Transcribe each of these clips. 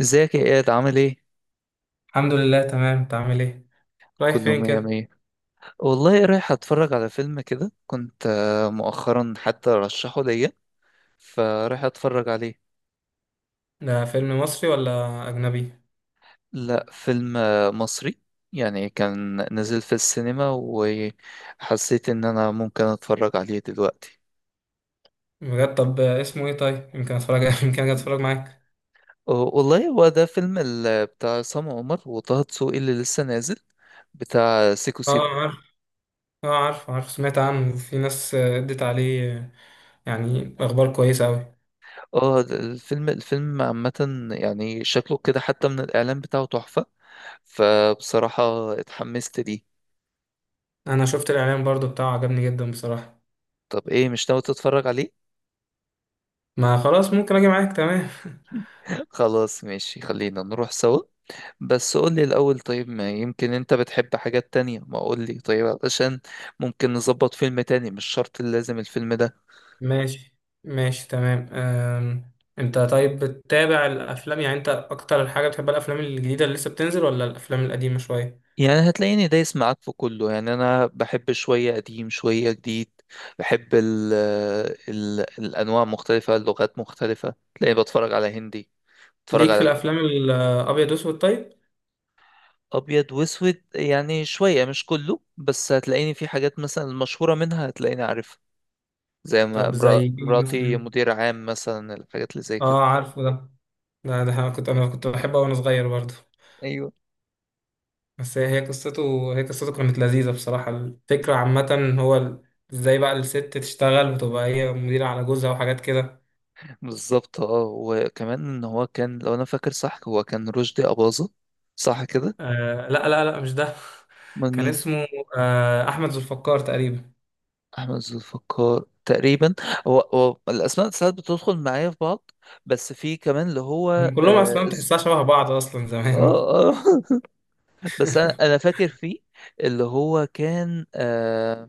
ازيك يا اياد، عامل ايه؟ الحمد لله تمام. انت عامل ايه؟ رايح كله فين مية كده؟ مية. والله رايح اتفرج على فيلم كده، كنت مؤخرا حتى رشحه ليا، فرايح اتفرج عليه. ده فيلم مصري ولا اجنبي؟ لا، فيلم مصري. يعني كان نزل في السينما وحسيت ان انا ممكن اتفرج عليه دلوقتي. بجد؟ طب اسمه ايه؟ طيب يمكن اتفرج يمكن اجي اتفرج معاك. والله هو ده فيلم بتاع عصام عمر وطه دسوقي اللي لسه نازل، بتاع سيكو اه سيكو. عارف. اه عارف سمعت عنه. في ناس ادت عليه، يعني اخبار كويسه قوي. اه الفيلم عامة، يعني شكله كده حتى من الإعلان بتاعه تحفة، فبصراحة اتحمست ليه. انا شفت الاعلان برضو بتاعه، عجبني جدا بصراحه. طب ايه، مش ناوي تتفرج عليه؟ ما خلاص ممكن اجي معاك، تمام خلاص ماشي، خلينا نروح سوا. بس قولي الأول، طيب ما يمكن انت بتحب حاجات تانية، ما قولي طيب علشان ممكن نظبط فيلم تاني، مش شرط لازم الفيلم ده. ماشي. ماشي تمام. انت طيب بتتابع الافلام؟ يعني انت اكتر حاجه بتحب الافلام الجديده اللي لسه بتنزل ولا الافلام القديمه شويه؟ يعني هتلاقيني دايس معاك في كله، يعني انا بحب شوية قديم شوية جديد. بحب ال الأنواع مختلفة، اللغات مختلفة، تلاقيني بتفرج على هندي، بتفرج ليك في على الافلام الابيض واسود طيب؟ ابيض واسود. يعني شويه مش كله، بس هتلاقيني في حاجات مثلا المشهوره منها هتلاقيني عارفها، زي ما طب زي ايه مراتي مثلا؟ مدير عام، مثلا الحاجات اللي زي كده. اه عارفه ده. ده انا كنت بحبه وانا صغير برضه. ايوه، بس هي قصته، قصته كانت لذيذه بصراحه. الفكره عامه هو ازاي بقى الست تشتغل وتبقى هي مديره على جوزها وحاجات كده. بالظبط. اه وكمان ان هو كان، لو انا فاكر صح، هو كان رشدي اباظه، صح كده؟ آه لا مش ده. امال كان مين؟ اسمه آه احمد ذو الفقار تقريبا. احمد ذو الفقار تقريبا. هو الاسماء ساعات بتدخل معايا في بعض. بس في كمان اللي هو هم كلهم اصلا اه ز- تحسها شبه بعض اصلا اه زمان. آه. بس انا فاكر فيه، اللي هو كان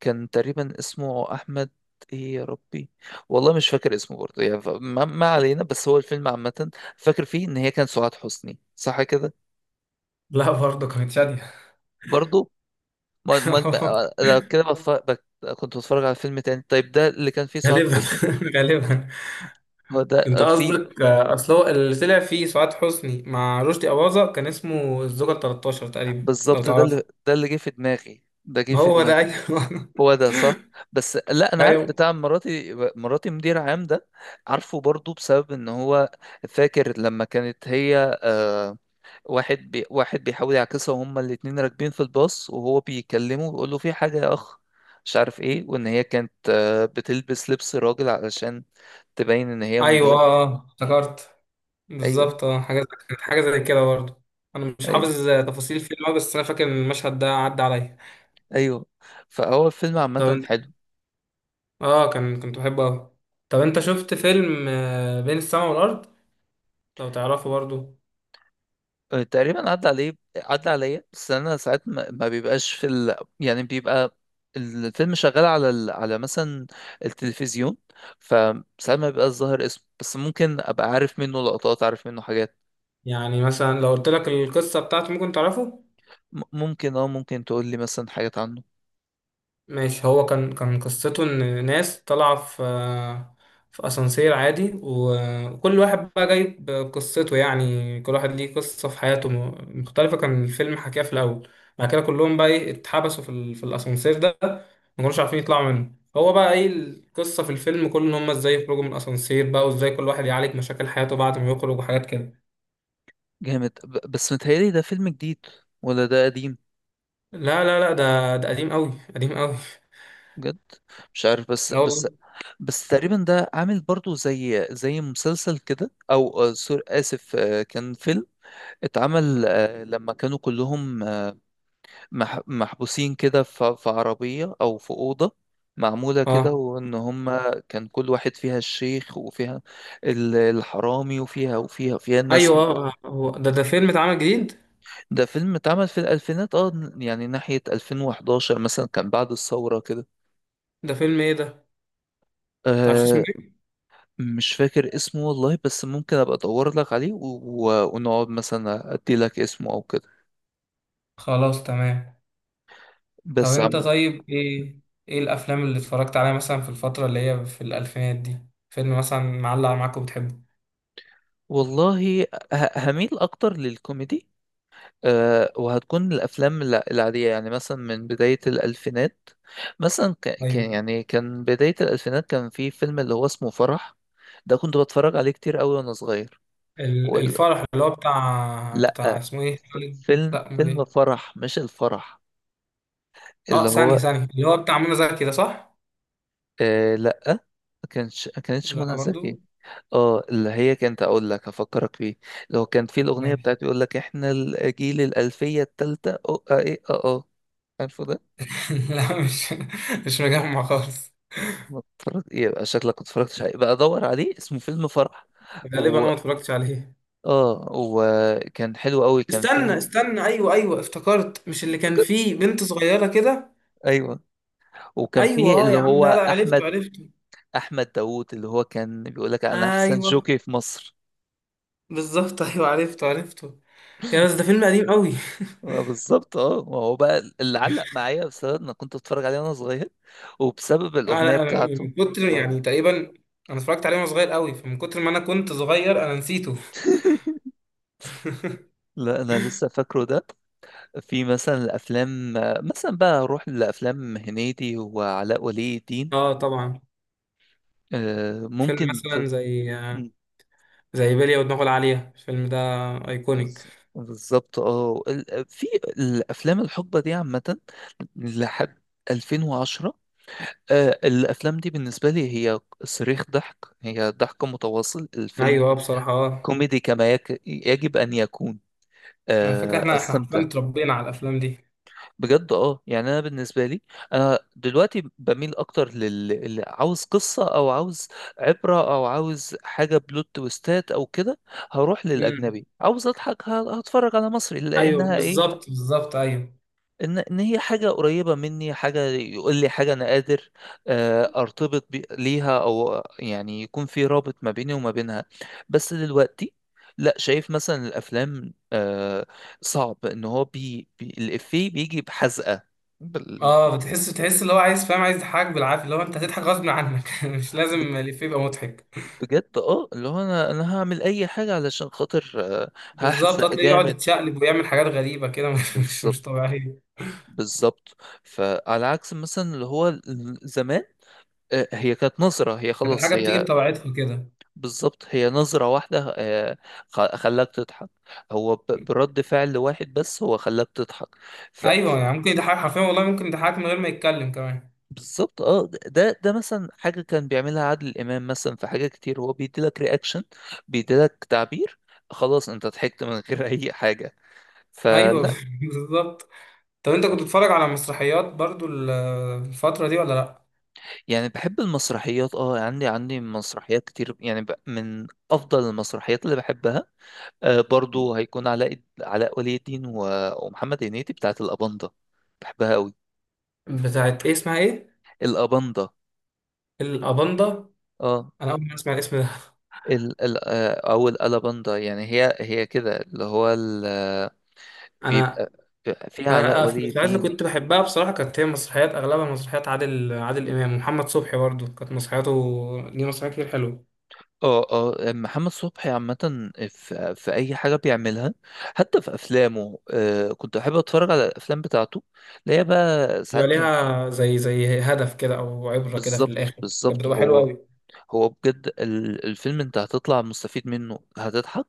كان تقريبا اسمه احمد. ايه يا ربي، والله مش فاكر اسمه برضه. يعني ما علينا، بس هو الفيلم عامة فاكر فيه ان هي كان سعاد حسني، صح كده؟ لا برضه كانت شاديه. برضه ما ما ما- أنا كده بف- بك- كنت بتفرج على فيلم تاني، طيب ده اللي كان فيه سعاد غالبا. حسني؟ غالبا. هو انت ده فيه؟ قصدك اصل هو اللي طلع فيه سعاد حسني مع رشدي اباظة كان اسمه الزوجة ال 13 تقريبا، لو بالظبط، ده اللي تعرفه. جه في دماغي هو ده، ايوه هو ده صح. بس لا، انا عارف ايوه بتاع مراتي مدير عام ده، عارفه برضه بسبب ان هو، فاكر لما كانت هي آه، واحد بيحاول يعكسها، وهما الاتنين راكبين في الباص، وهو بيكلمه ويقول له في حاجة يا أخ مش عارف إيه، وإن هي كانت بتلبس لبس راجل علشان تبين إن هي ايوه مدير. اه، افتكرت أيوه، بالظبط. اه حاجه كانت حاجه زي كده برضه. انا مش أيوه، حافظ تفاصيل الفيلم أوي، بس انا فاكر ان المشهد ده عدى عليا. أيوه، فهو الفيلم طب عامة انت، حلو. اه كان كنت بحبه قوي. طب انت شفت فيلم بين السماء والارض، لو تعرفه برضه؟ تقريبا عدى عليا، بس أنا ساعات ما بيبقاش في يعني بيبقى الفيلم شغال على على مثلا التلفزيون، فساعات ما بيبقاش ظاهر اسمه، بس ممكن أبقى عارف منه لقطات، عارف منه حاجات. يعني مثلا لو قلت لك القصه بتاعته ممكن تعرفه. ممكن تقول لي مثلا حاجات عنه. ماشي، هو كان قصته ان ناس طالعه في في اسانسير عادي وكل واحد بقى جايب قصته، يعني كل واحد ليه قصه في حياته مختلفه، كان الفيلم حكاها في الاول. بعد كده كلهم بقى ايه، اتحبسوا في الاسانسير ده، ما كانوش عارفين يطلعوا منه. هو بقى ايه القصه في الفيلم كله، ان هم ازاي يخرجوا من الاسانسير بقى، وازاي كل واحد يعالج مشاكل حياته بعد ما يخرج وحاجات كده. جامد. بس متهيألي ده فيلم جديد ولا ده قديم؟ لا ده قديم قوي، قديم قوي. بجد؟ مش عارف، بس لا بس والله. بس تقريبا ده عامل برضو زي مسلسل كده، او آه، سور اسف آه، كان فيلم اتعمل لما كانوا كلهم محبوسين كده في عربية او في أوضة معمولة كده، اه وان هما كان كل واحد، فيها الشيخ وفيها الحرامي وفيها فيها الناس. ايوه، هو ده، ده فيلم اتعمل جديد. ده فيلم اتعمل في الألفينات، اه يعني ناحية 2011 مثلا، كان بعد الثورة كده. ده فيلم ايه ده؟ متعرفش اسمه أه، ايه؟ مش فاكر اسمه والله، بس ممكن أبقى أدور لك عليه ونقعد مثلا أدي لك اسمه أو كده. خلاص تمام. طب بس انت عم... طيب ايه، ايه الافلام اللي اتفرجت عليها مثلا في الفتره اللي هي في الالفينات دي؟ فيلم مثلا معلق معاك وبتحبه؟ والله هميل أكتر للكوميدي. أه، وهتكون الأفلام العادية يعني مثلا من بداية الألفينات، مثلا ايوه، كان، يعني كان بداية الألفينات كان في فيلم اللي هو اسمه فرح، ده كنت بتفرج عليه كتير أوي وأنا صغير. الفرح اللي هو بتاع لا، اسمه ايه، خالد؟ فيلم لا امال فيلم ايه؟ فرح، مش الفرح، اه اللي ثانيه هو ثانيه، اللي هو بتاع منى زكي ده صح؟ آه لا. ما كانتش لا منى برضو؟ زكي. اه، اللي هي كانت، اقول لك هفكرك بيه: لو كان في الاغنيه ماشي. بتاعت يقول لك احنا الجيل الالفيه الثالثه، اه اه ايه اه اه عارفه ده؟ لا مش، مش مجمع خالص. ما اتفرج يبقى، شكلك ما اتفرجتش عليه، بقى ادور عليه، اسمه فيلم فرح. غالبا انا و... ما اتفرجتش عليه. اه وكان حلو قوي، كان استنى فيه، استنى، ايوه ايوه افتكرت، مش اللي كان افتكر. فيه بنت صغيره كده؟ ايوه، وكان ايوه فيه اه اللي يا عم، هو لا احمد، عرفته عرفته. احمد داوود، اللي هو كان بيقول لك انا احسن ايوه جوكي في مصر. بالظبط ايوه عرفته عرفته. يا بس ده فيلم قديم قوي بالظبط. اه ما هو بقى اللي علق معايا بسبب انا كنت بتفرج عليه وانا صغير، وبسبب انا الاغنيه انا بتاعته. من كتر، آه. يعني تقريبا انا اتفرجت عليه وانا صغير قوي، فمن كتر ما انا كنت صغير انا نسيته لا، انا لسه فاكره ده. في مثلا الافلام، مثلا بقى اروح لافلام هنيدي وعلاء ولي الدين. اه طبعا. فيلم ممكن في. مثلا زي مم. زي بلية ودماغه العالية، الفيلم ده ايكونيك. بالظبط. في الافلام الحقبه دي عامه لحد 2010، الافلام دي بالنسبه لي هي صريخ ضحك، هي ضحك متواصل. الفيلم ايوه، بصراحة اه، كوميدي يجب ان يكون. على فكرة احنا حرفيا استمتع اتربينا على الافلام دي. بجد. اه يعني انا بالنسبه لي، انا دلوقتي بميل اكتر عاوز قصه او عاوز عبره او عاوز حاجه بلوت تويستات او كده. هروح امم للاجنبي. عاوز اضحك، هتفرج على مصري ايوه لانها ايه، بالظبط، بالظبط ايوه. ان هي حاجه قريبه مني، حاجه يقول لي حاجه انا قادر ارتبط ليها، او يعني يكون في رابط ما بيني وما بينها. بس دلوقتي لا، شايف مثلا الافلام صعب ان هو بي الافيه بيجي بحزقه بال- اه بتحس اللي هو عايز، فاهم، عايز يضحكك بالعافية، اللي هو انت هتضحك غصب عنك مش ب- لازم الإفيه يبقى مضحك. بجد. اه اللي هو انا هعمل اي حاجه علشان خاطر بالظبط، هحزق هتلاقيه يقعد جامد. يتشقلب ويعمل حاجات غريبة كده مش مش بالظبط، مش طبيعية. بالظبط. فعلى عكس مثلا اللي هو زمان، هي كانت نظرة، هي كانت خلاص الحاجة بتيجي هي، بطبيعتها كده. بالظبط، هي نظرة واحدة خلاك تضحك. هو برد فعل واحد بس هو خلاك تضحك. ف... أيوه، يعني ممكن يضحك حرفيا، والله ممكن يضحك من غير ما يتكلم كمان. بالظبط. اه ده مثلا حاجة كان بيعملها عادل إمام مثلا، في حاجة كتير هو بيديلك رياكشن، بيديلك تعبير، خلاص انت ضحكت من غير اي حاجة، أيوه فلا. بالظبط. طب أنت كنت بتتفرج على مسرحيات برضو الفترة دي ولا لأ؟ يعني بحب المسرحيات، عندي مسرحيات كتير، يعني من افضل المسرحيات اللي بحبها برضو هيكون علاء ولي الدين ومحمد هنيدي، بتاعت الأباندا، بحبها قوي. بتاعت إيه؟ اسمها إيه؟ الأباندا، الأباندا؟ اه، أنا أول مرة أسمع الاسم ده. ال ال آه، او الالاباندا، يعني هي كده اللي هو ال آه، أنا بيبقى، فيها علاء أنا في ولي المسرحيات اللي الدين. كنت بحبها بصراحة، كانت هي مسرحيات، أغلبها مسرحيات عادل إمام. ومحمد صبحي برضو كانت مسرحياته دي مسرحيات كتير حلوة، اه محمد صبحي عامة في أي حاجة بيعملها، حتى في أفلامه كنت أحب أتفرج على الأفلام بتاعته، اللي هي بقى بيبقى ساعات كان. ليها زي هدف كده او عبره كده في بالظبط، الاخر، كانت بالظبط. بتبقى حلوه هو قوي. هو بجد الفيلم انت هتطلع مستفيد منه، هتضحك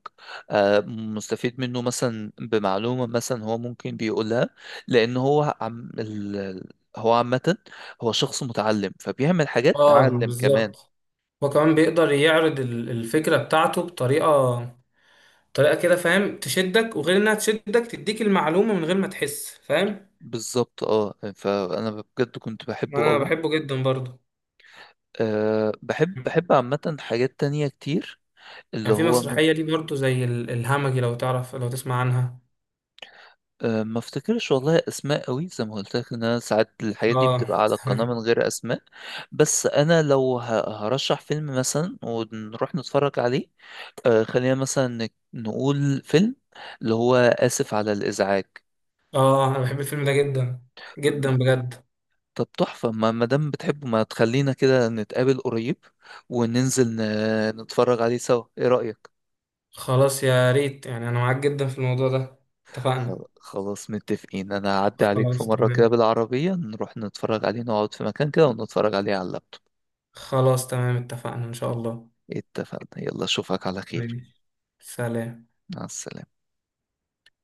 مستفيد منه مثلا بمعلومة مثلا هو ممكن بيقولها، لأن هو عم هو عامة هو شخص متعلم فبيعمل حاجات اه تعلم كمان. بالظبط. هو كمان بيقدر يعرض الفكره بتاعته بطريقه، طريقه كده فاهم تشدك، وغير انها تشدك تديك المعلومه من غير ما تحس، فاهم. بالظبط. اه فأنا بجد كنت بحبه انا قوي. بحبه جدا برضه. أه، بحب عامة حاجات تانية كتير، اللي يعني في هو مسرحيه دي برضه زي الهمجي، لو تعرف لو تسمع عنها؟ أه، ما افتكرش والله اسماء قوي، زي ما قلت لك ان انا ساعات الحاجات دي اه بتبقى على القناه من غير اسماء. بس انا لو هرشح فيلم مثلا ونروح نتفرج عليه أه، خلينا مثلا نقول فيلم اللي هو اسف على الازعاج. اه، انا بحب الفيلم ده جدا جدا بجد. طب تحفه، ما دام بتحبه، ما تخلينا كده نتقابل قريب وننزل نتفرج عليه سوا، ايه رايك؟ خلاص يا ريت، يعني انا معاك جدا في الموضوع ده، اتفقنا. خلاص متفقين. انا هعدي عليك في خلاص مره كده تمام. بالعربيه، نروح نتفرج عليه، نقعد في مكان كده ونتفرج عليه على اللاب. خلاص تمام اتفقنا إن شاء الله. اتفقنا، يلا اشوفك على خير. ماشي. سلام. مع السلامة.